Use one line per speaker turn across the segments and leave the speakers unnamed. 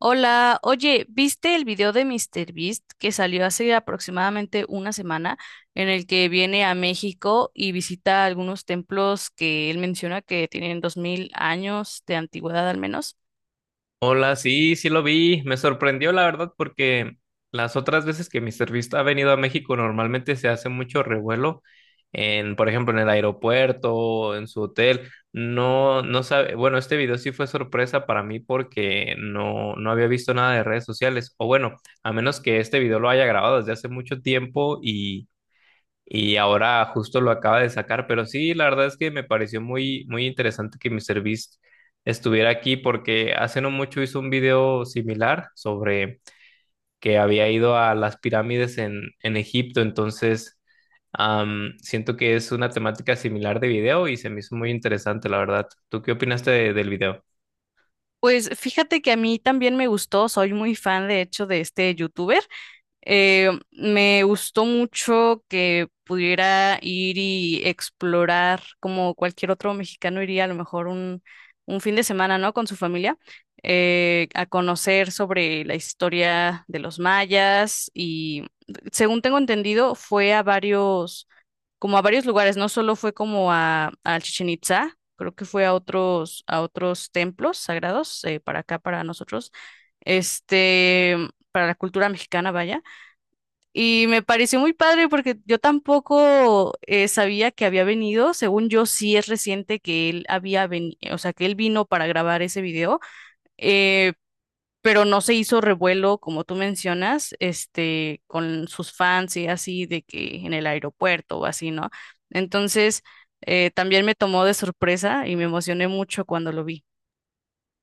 Hola, oye, ¿viste el video de míster Beast que salió hace aproximadamente una semana en el que viene a México y visita algunos templos que él menciona que tienen 2000 años de antigüedad al menos?
Hola, sí, sí lo vi. Me sorprendió, la verdad, porque las otras veces que Mister Beast ha venido a México, normalmente se hace mucho revuelo en, por ejemplo, en el aeropuerto, en su hotel. No, no sabe. Bueno, este video sí fue sorpresa para mí porque no, no había visto nada de redes sociales. O bueno, a menos que este video lo haya grabado desde hace mucho tiempo y ahora justo lo acaba de sacar, pero sí, la verdad es que me pareció muy, muy interesante que Mr. Beast estuviera aquí porque hace no mucho hizo un video similar sobre que había ido a las pirámides en, Egipto, entonces siento que es una temática similar de video y se me hizo muy interesante, la verdad. ¿Tú qué opinaste del video?
Pues fíjate que a mí también me gustó, soy muy fan de hecho de este youtuber. Me gustó mucho que pudiera ir y explorar como cualquier otro mexicano iría a lo mejor un fin de semana, ¿no? Con su familia, a conocer sobre la historia de los mayas y según tengo entendido fue a varios, como a varios lugares, no solo fue como a Chichén Itzá, creo que fue a otros templos sagrados, para acá, para nosotros, este, para la cultura mexicana, vaya. Y me pareció muy padre porque yo tampoco sabía que había venido. Según yo, sí es reciente que él había venido, o sea, que él vino para grabar ese video, eh, pero no se hizo revuelo, como tú mencionas, este, con sus fans y así, de que en el aeropuerto o así, ¿no? Entonces, también me tomó de sorpresa y me emocioné mucho cuando lo vi.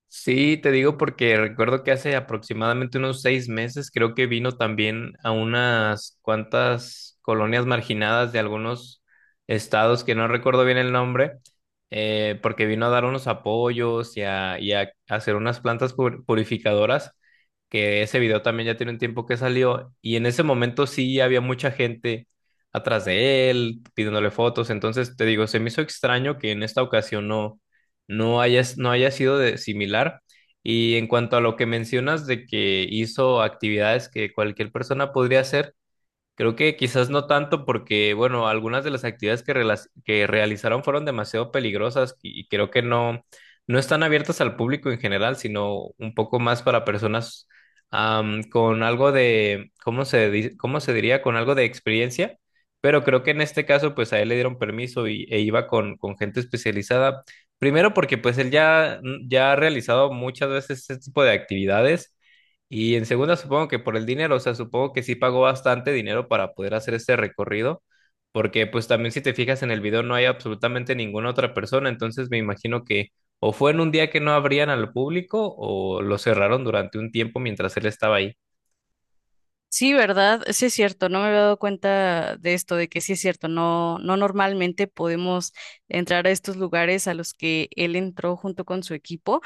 Sí, te digo porque recuerdo que hace aproximadamente unos 6 meses creo que vino también a unas cuantas colonias marginadas de algunos estados que no recuerdo bien el nombre, porque vino a dar unos apoyos y a, hacer unas plantas purificadoras, que ese video también ya tiene un tiempo que salió y en ese momento sí había mucha gente atrás de él pidiéndole fotos, entonces te digo, se me hizo extraño que en esta ocasión no haya sido similar. Y en cuanto a lo que mencionas de que hizo actividades que cualquier persona podría hacer, creo que quizás no tanto porque, bueno, algunas de las actividades que realizaron fueron demasiado peligrosas y creo que no, no están abiertas al público en general, sino un poco más para personas con algo de, cómo se diría? Con algo de experiencia, pero creo que en este caso, pues a él le dieron permiso e iba con gente especializada. Primero porque pues él ya ha realizado muchas veces este tipo de actividades. Y en segunda, supongo que por el dinero, o sea, supongo que sí pagó bastante dinero para poder hacer este recorrido, porque pues también si te fijas en el video no hay absolutamente ninguna otra persona, entonces me imagino que o fue en un día que no abrían al público o lo cerraron durante un tiempo mientras él estaba ahí.
Sí, ¿verdad? Sí es cierto, no me había dado cuenta de esto, de que sí es cierto, no, no normalmente podemos entrar a estos lugares a los que él entró junto con su equipo.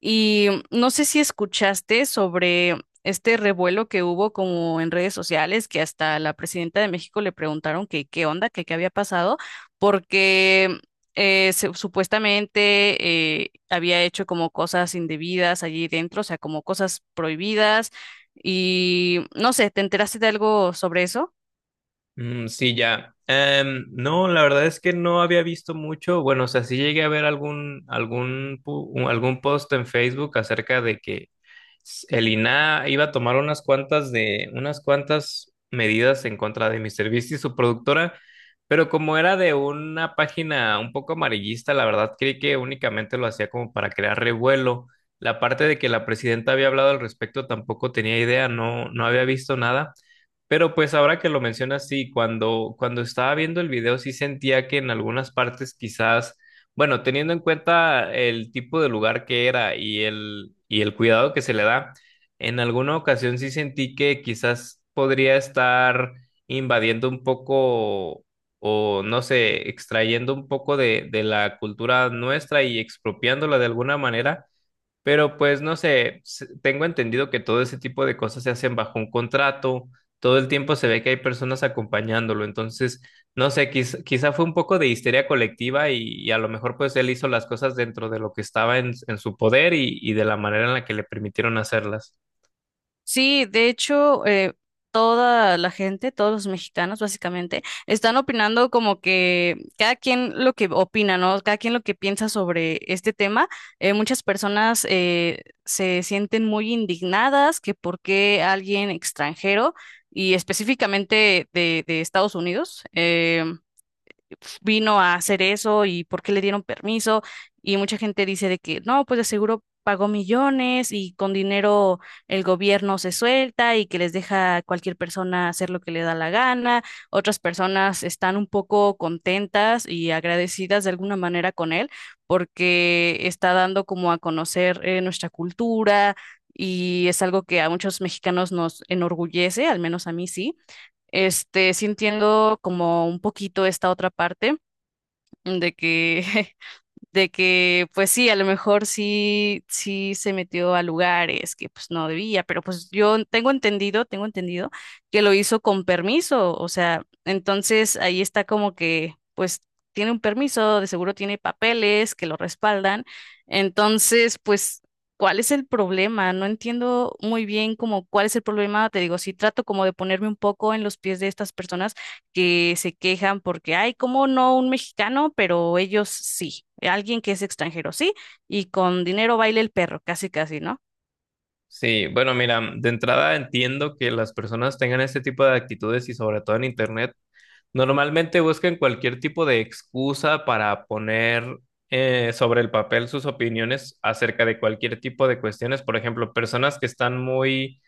Y no sé si escuchaste sobre este revuelo que hubo como en redes sociales, que hasta la presidenta de México le preguntaron que qué onda, que qué había pasado, porque supuestamente había hecho como cosas indebidas allí dentro, o sea, como cosas prohibidas. Y no sé, ¿te enteraste de algo sobre eso?
Mm, sí, ya. No, la verdad es que no había visto mucho. Bueno, o sea, sí llegué a ver algún post en Facebook acerca de que el INAH iba a tomar unas cuantas medidas en contra de MrBeast y su productora, pero como era de una página un poco amarillista, la verdad creí que únicamente lo hacía como para crear revuelo. La parte de que la presidenta había hablado al respecto tampoco tenía idea, no, no había visto nada. Pero pues ahora que lo mencionas, sí, cuando estaba viendo el video sí sentía que en algunas partes quizás, bueno, teniendo en cuenta el tipo de lugar que era y el cuidado que se le da, en alguna ocasión sí sentí que quizás podría estar invadiendo un poco o no sé, extrayendo un poco de la cultura nuestra y expropiándola de alguna manera, pero pues no sé, tengo entendido que todo ese tipo de cosas se hacen bajo un contrato, todo el tiempo se ve que hay personas acompañándolo, entonces no sé, quizá fue un poco de histeria colectiva y a lo mejor pues él hizo las cosas dentro de lo que estaba en su poder y de la manera en la que le permitieron hacerlas.
Sí, de hecho, toda la gente, todos los mexicanos básicamente, están opinando como que cada quien lo que opina, ¿no? Cada quien lo que piensa sobre este tema. Muchas personas se sienten muy indignadas que por qué alguien extranjero y específicamente de Estados Unidos vino a hacer eso y por qué le dieron permiso. Y mucha gente dice de que no, pues de seguro pagó millones y con dinero el gobierno se suelta y que les deja a cualquier persona hacer lo que le da la gana. Otras personas están un poco contentas y agradecidas de alguna manera con él porque está dando como a conocer nuestra cultura. Y es algo que a muchos mexicanos nos enorgullece, al menos a mí sí. Este, sintiendo como un poquito esta otra parte de que, de que, pues sí, a lo mejor sí, sí se metió a lugares que pues no debía, pero pues yo tengo entendido que lo hizo con permiso, o sea, entonces ahí está como que, pues tiene un permiso, de seguro tiene papeles que lo respaldan, entonces pues... ¿Cuál es el problema? No entiendo muy bien como cuál es el problema. Te digo, si trato como de ponerme un poco en los pies de estas personas que se quejan porque, ay, ¿cómo no un mexicano? Pero ellos sí, alguien que es extranjero sí, y con dinero baila el perro, casi casi, ¿no?
Sí, bueno, mira, de entrada entiendo que las personas tengan este tipo de actitudes y sobre todo en internet. Normalmente buscan cualquier tipo de excusa para poner sobre el papel sus opiniones acerca de cualquier tipo de cuestiones. Por ejemplo, personas que están muy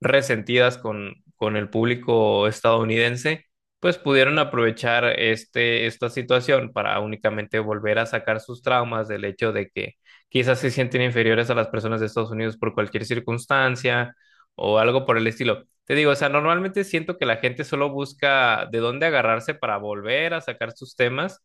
resentidas con el público estadounidense, pues pudieron aprovechar esta situación para únicamente volver a sacar sus traumas del hecho de que quizás se sienten inferiores a las personas de Estados Unidos por cualquier circunstancia o algo por el estilo. Te digo, o sea, normalmente siento que la gente solo busca de dónde agarrarse para volver a sacar sus temas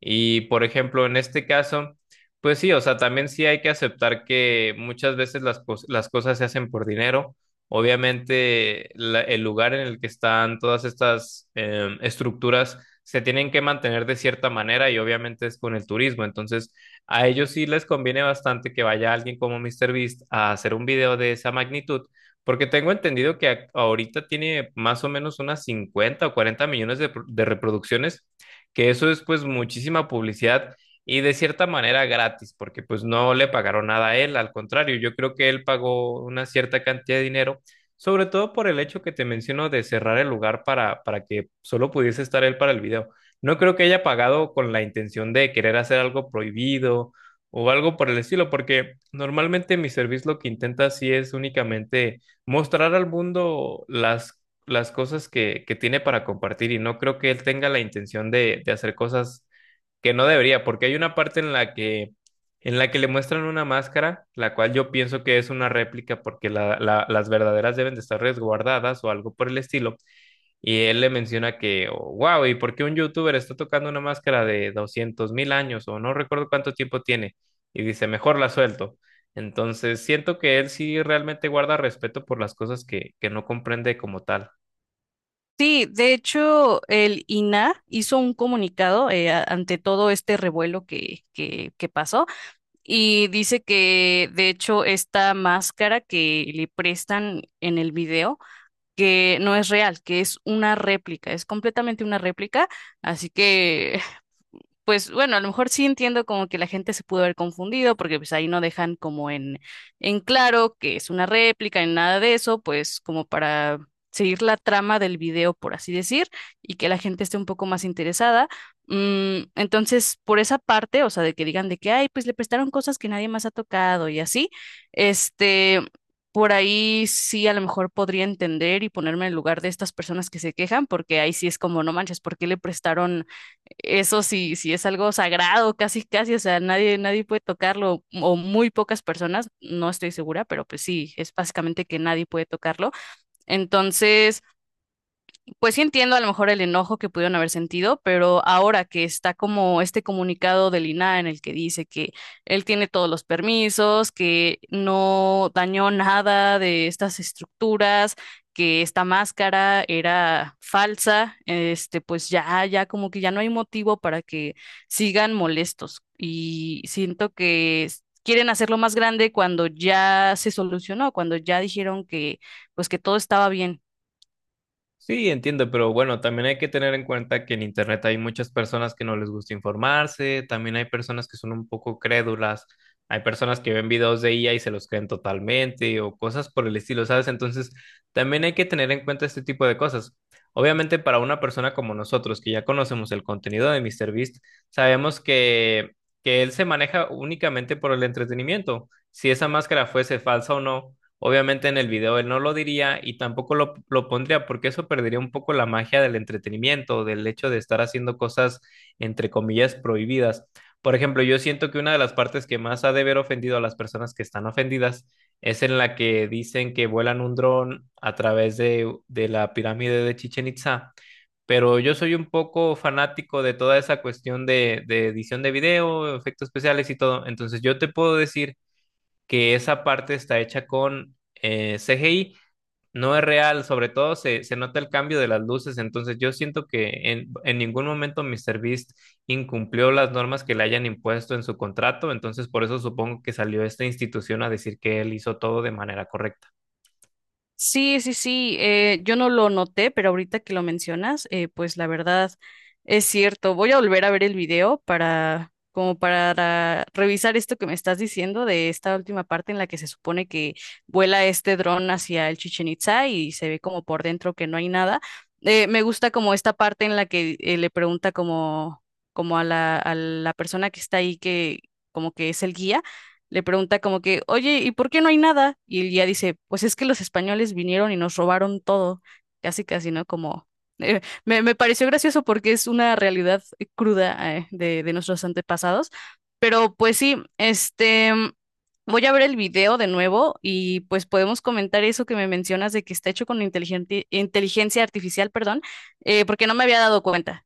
y, por ejemplo, en este caso... Pues sí, o sea, también sí hay que aceptar que muchas veces las cosas se hacen por dinero. Obviamente, el lugar en el que están todas estas estructuras se tienen que mantener de cierta manera y obviamente es con el turismo. Entonces, a ellos sí les conviene bastante que vaya alguien como míster Beast a hacer un video de esa magnitud, porque tengo entendido que ahorita tiene más o menos unas 50 o 40 millones de reproducciones, que eso es pues muchísima publicidad y de cierta manera gratis, porque pues no le pagaron nada a él, al contrario, yo creo que él pagó una cierta cantidad de dinero sobre todo por el hecho que te menciono de cerrar el lugar para, que solo pudiese estar él para el video. No creo que haya pagado con la intención de querer hacer algo prohibido o algo por el estilo, porque normalmente mi servicio lo que intenta así es únicamente mostrar al mundo las, cosas que tiene para compartir y no creo que él tenga la intención de hacer cosas que no debería, porque hay una parte en la que le muestran una máscara, la cual yo pienso que es una réplica porque las verdaderas deben de estar resguardadas o algo por el estilo. Y él le menciona que, wow, ¿y por qué un youtuber está tocando una máscara de 200.000 años o no recuerdo cuánto tiempo tiene? Y dice, mejor la suelto. Entonces siento que él sí realmente guarda respeto por las cosas que no comprende como tal.
Sí, de hecho, el INAH hizo un comunicado ante todo este revuelo que pasó y dice que, de hecho, esta máscara que le prestan en el video, que no es real, que es una réplica, es completamente una réplica, así que pues bueno, a lo mejor sí entiendo como que la gente se pudo haber confundido porque pues ahí no dejan como en claro que es una réplica ni nada de eso, pues como para seguir la trama del video, por así decir, y que la gente esté un poco más interesada. Mm, entonces, por esa parte, o sea, de que digan de que, ay, pues le prestaron cosas que nadie más ha tocado y así, este... Por ahí sí a lo mejor podría entender y ponerme en el lugar de estas personas que se quejan, porque ahí sí es como, no manches, ¿por qué le prestaron eso? Sí, sí es algo sagrado, casi, casi, o sea, nadie, nadie puede tocarlo, o muy pocas personas, no estoy segura, pero pues sí, es básicamente que nadie puede tocarlo. Entonces, pues sí entiendo a lo mejor el enojo que pudieron haber sentido, pero ahora que está como este comunicado del INAH en el que dice que él tiene todos los permisos, que no dañó nada de estas estructuras, que esta máscara era falsa, este, pues ya, ya como que ya no hay motivo para que sigan molestos. Y siento que quieren hacerlo más grande cuando ya se solucionó, cuando ya dijeron que, pues que todo estaba bien.
Sí, entiendo, pero bueno, también hay que tener en cuenta que en Internet hay muchas personas que no les gusta informarse, también hay personas que son un poco crédulas, hay personas que ven videos de IA y se los creen totalmente o cosas por el estilo, ¿sabes? Entonces, también hay que tener en cuenta este tipo de cosas. Obviamente, para una persona como nosotros, que ya conocemos el contenido de MrBeast, sabemos que él se maneja únicamente por el entretenimiento. Si esa máscara fuese falsa o no. Obviamente en el video él no lo diría y tampoco lo pondría porque eso perdería un poco la magia del entretenimiento, del hecho de estar haciendo cosas entre comillas prohibidas. Por ejemplo, yo siento que una de las partes que más ha de haber ofendido a las personas que están ofendidas es en la que dicen que vuelan un dron a través de la pirámide de Chichen Itza, pero yo soy un poco fanático de toda esa cuestión de edición de video, efectos especiales y todo. Entonces yo te puedo decir que esa parte está hecha con CGI, no es real, sobre todo se nota el cambio de las luces, entonces yo siento que en ningún momento MrBeast incumplió las normas que le hayan impuesto en su contrato, entonces por eso supongo que salió esta institución a decir que él hizo todo de manera correcta.
Sí, sí, sí, yo no lo noté, pero ahorita que lo mencionas, pues la verdad es cierto. Voy a volver a ver el video para, como para revisar esto que me estás diciendo de esta última parte en la que se supone que vuela este dron hacia el Chichen Itza y se ve como por dentro que no hay nada. Me gusta como esta parte en la que le pregunta como, como a a la persona que está ahí que como que es el guía, le pregunta como que, oye, ¿y por qué no hay nada? Y él ya dice, pues es que los españoles vinieron y nos robaron todo, casi casi, ¿no? Como, me pareció gracioso porque es una realidad cruda, de nuestros antepasados, pero pues sí, este, voy a ver el video de nuevo y pues podemos comentar eso que me mencionas de que está hecho con inteligencia artificial, perdón, porque no me había dado cuenta.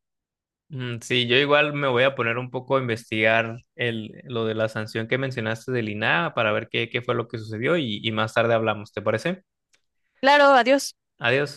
Mm, sí, yo igual me voy a poner un poco a investigar lo de la sanción que mencionaste del INAH para ver qué fue lo que sucedió y más tarde hablamos, ¿te parece?
Claro, adiós.
Adiós.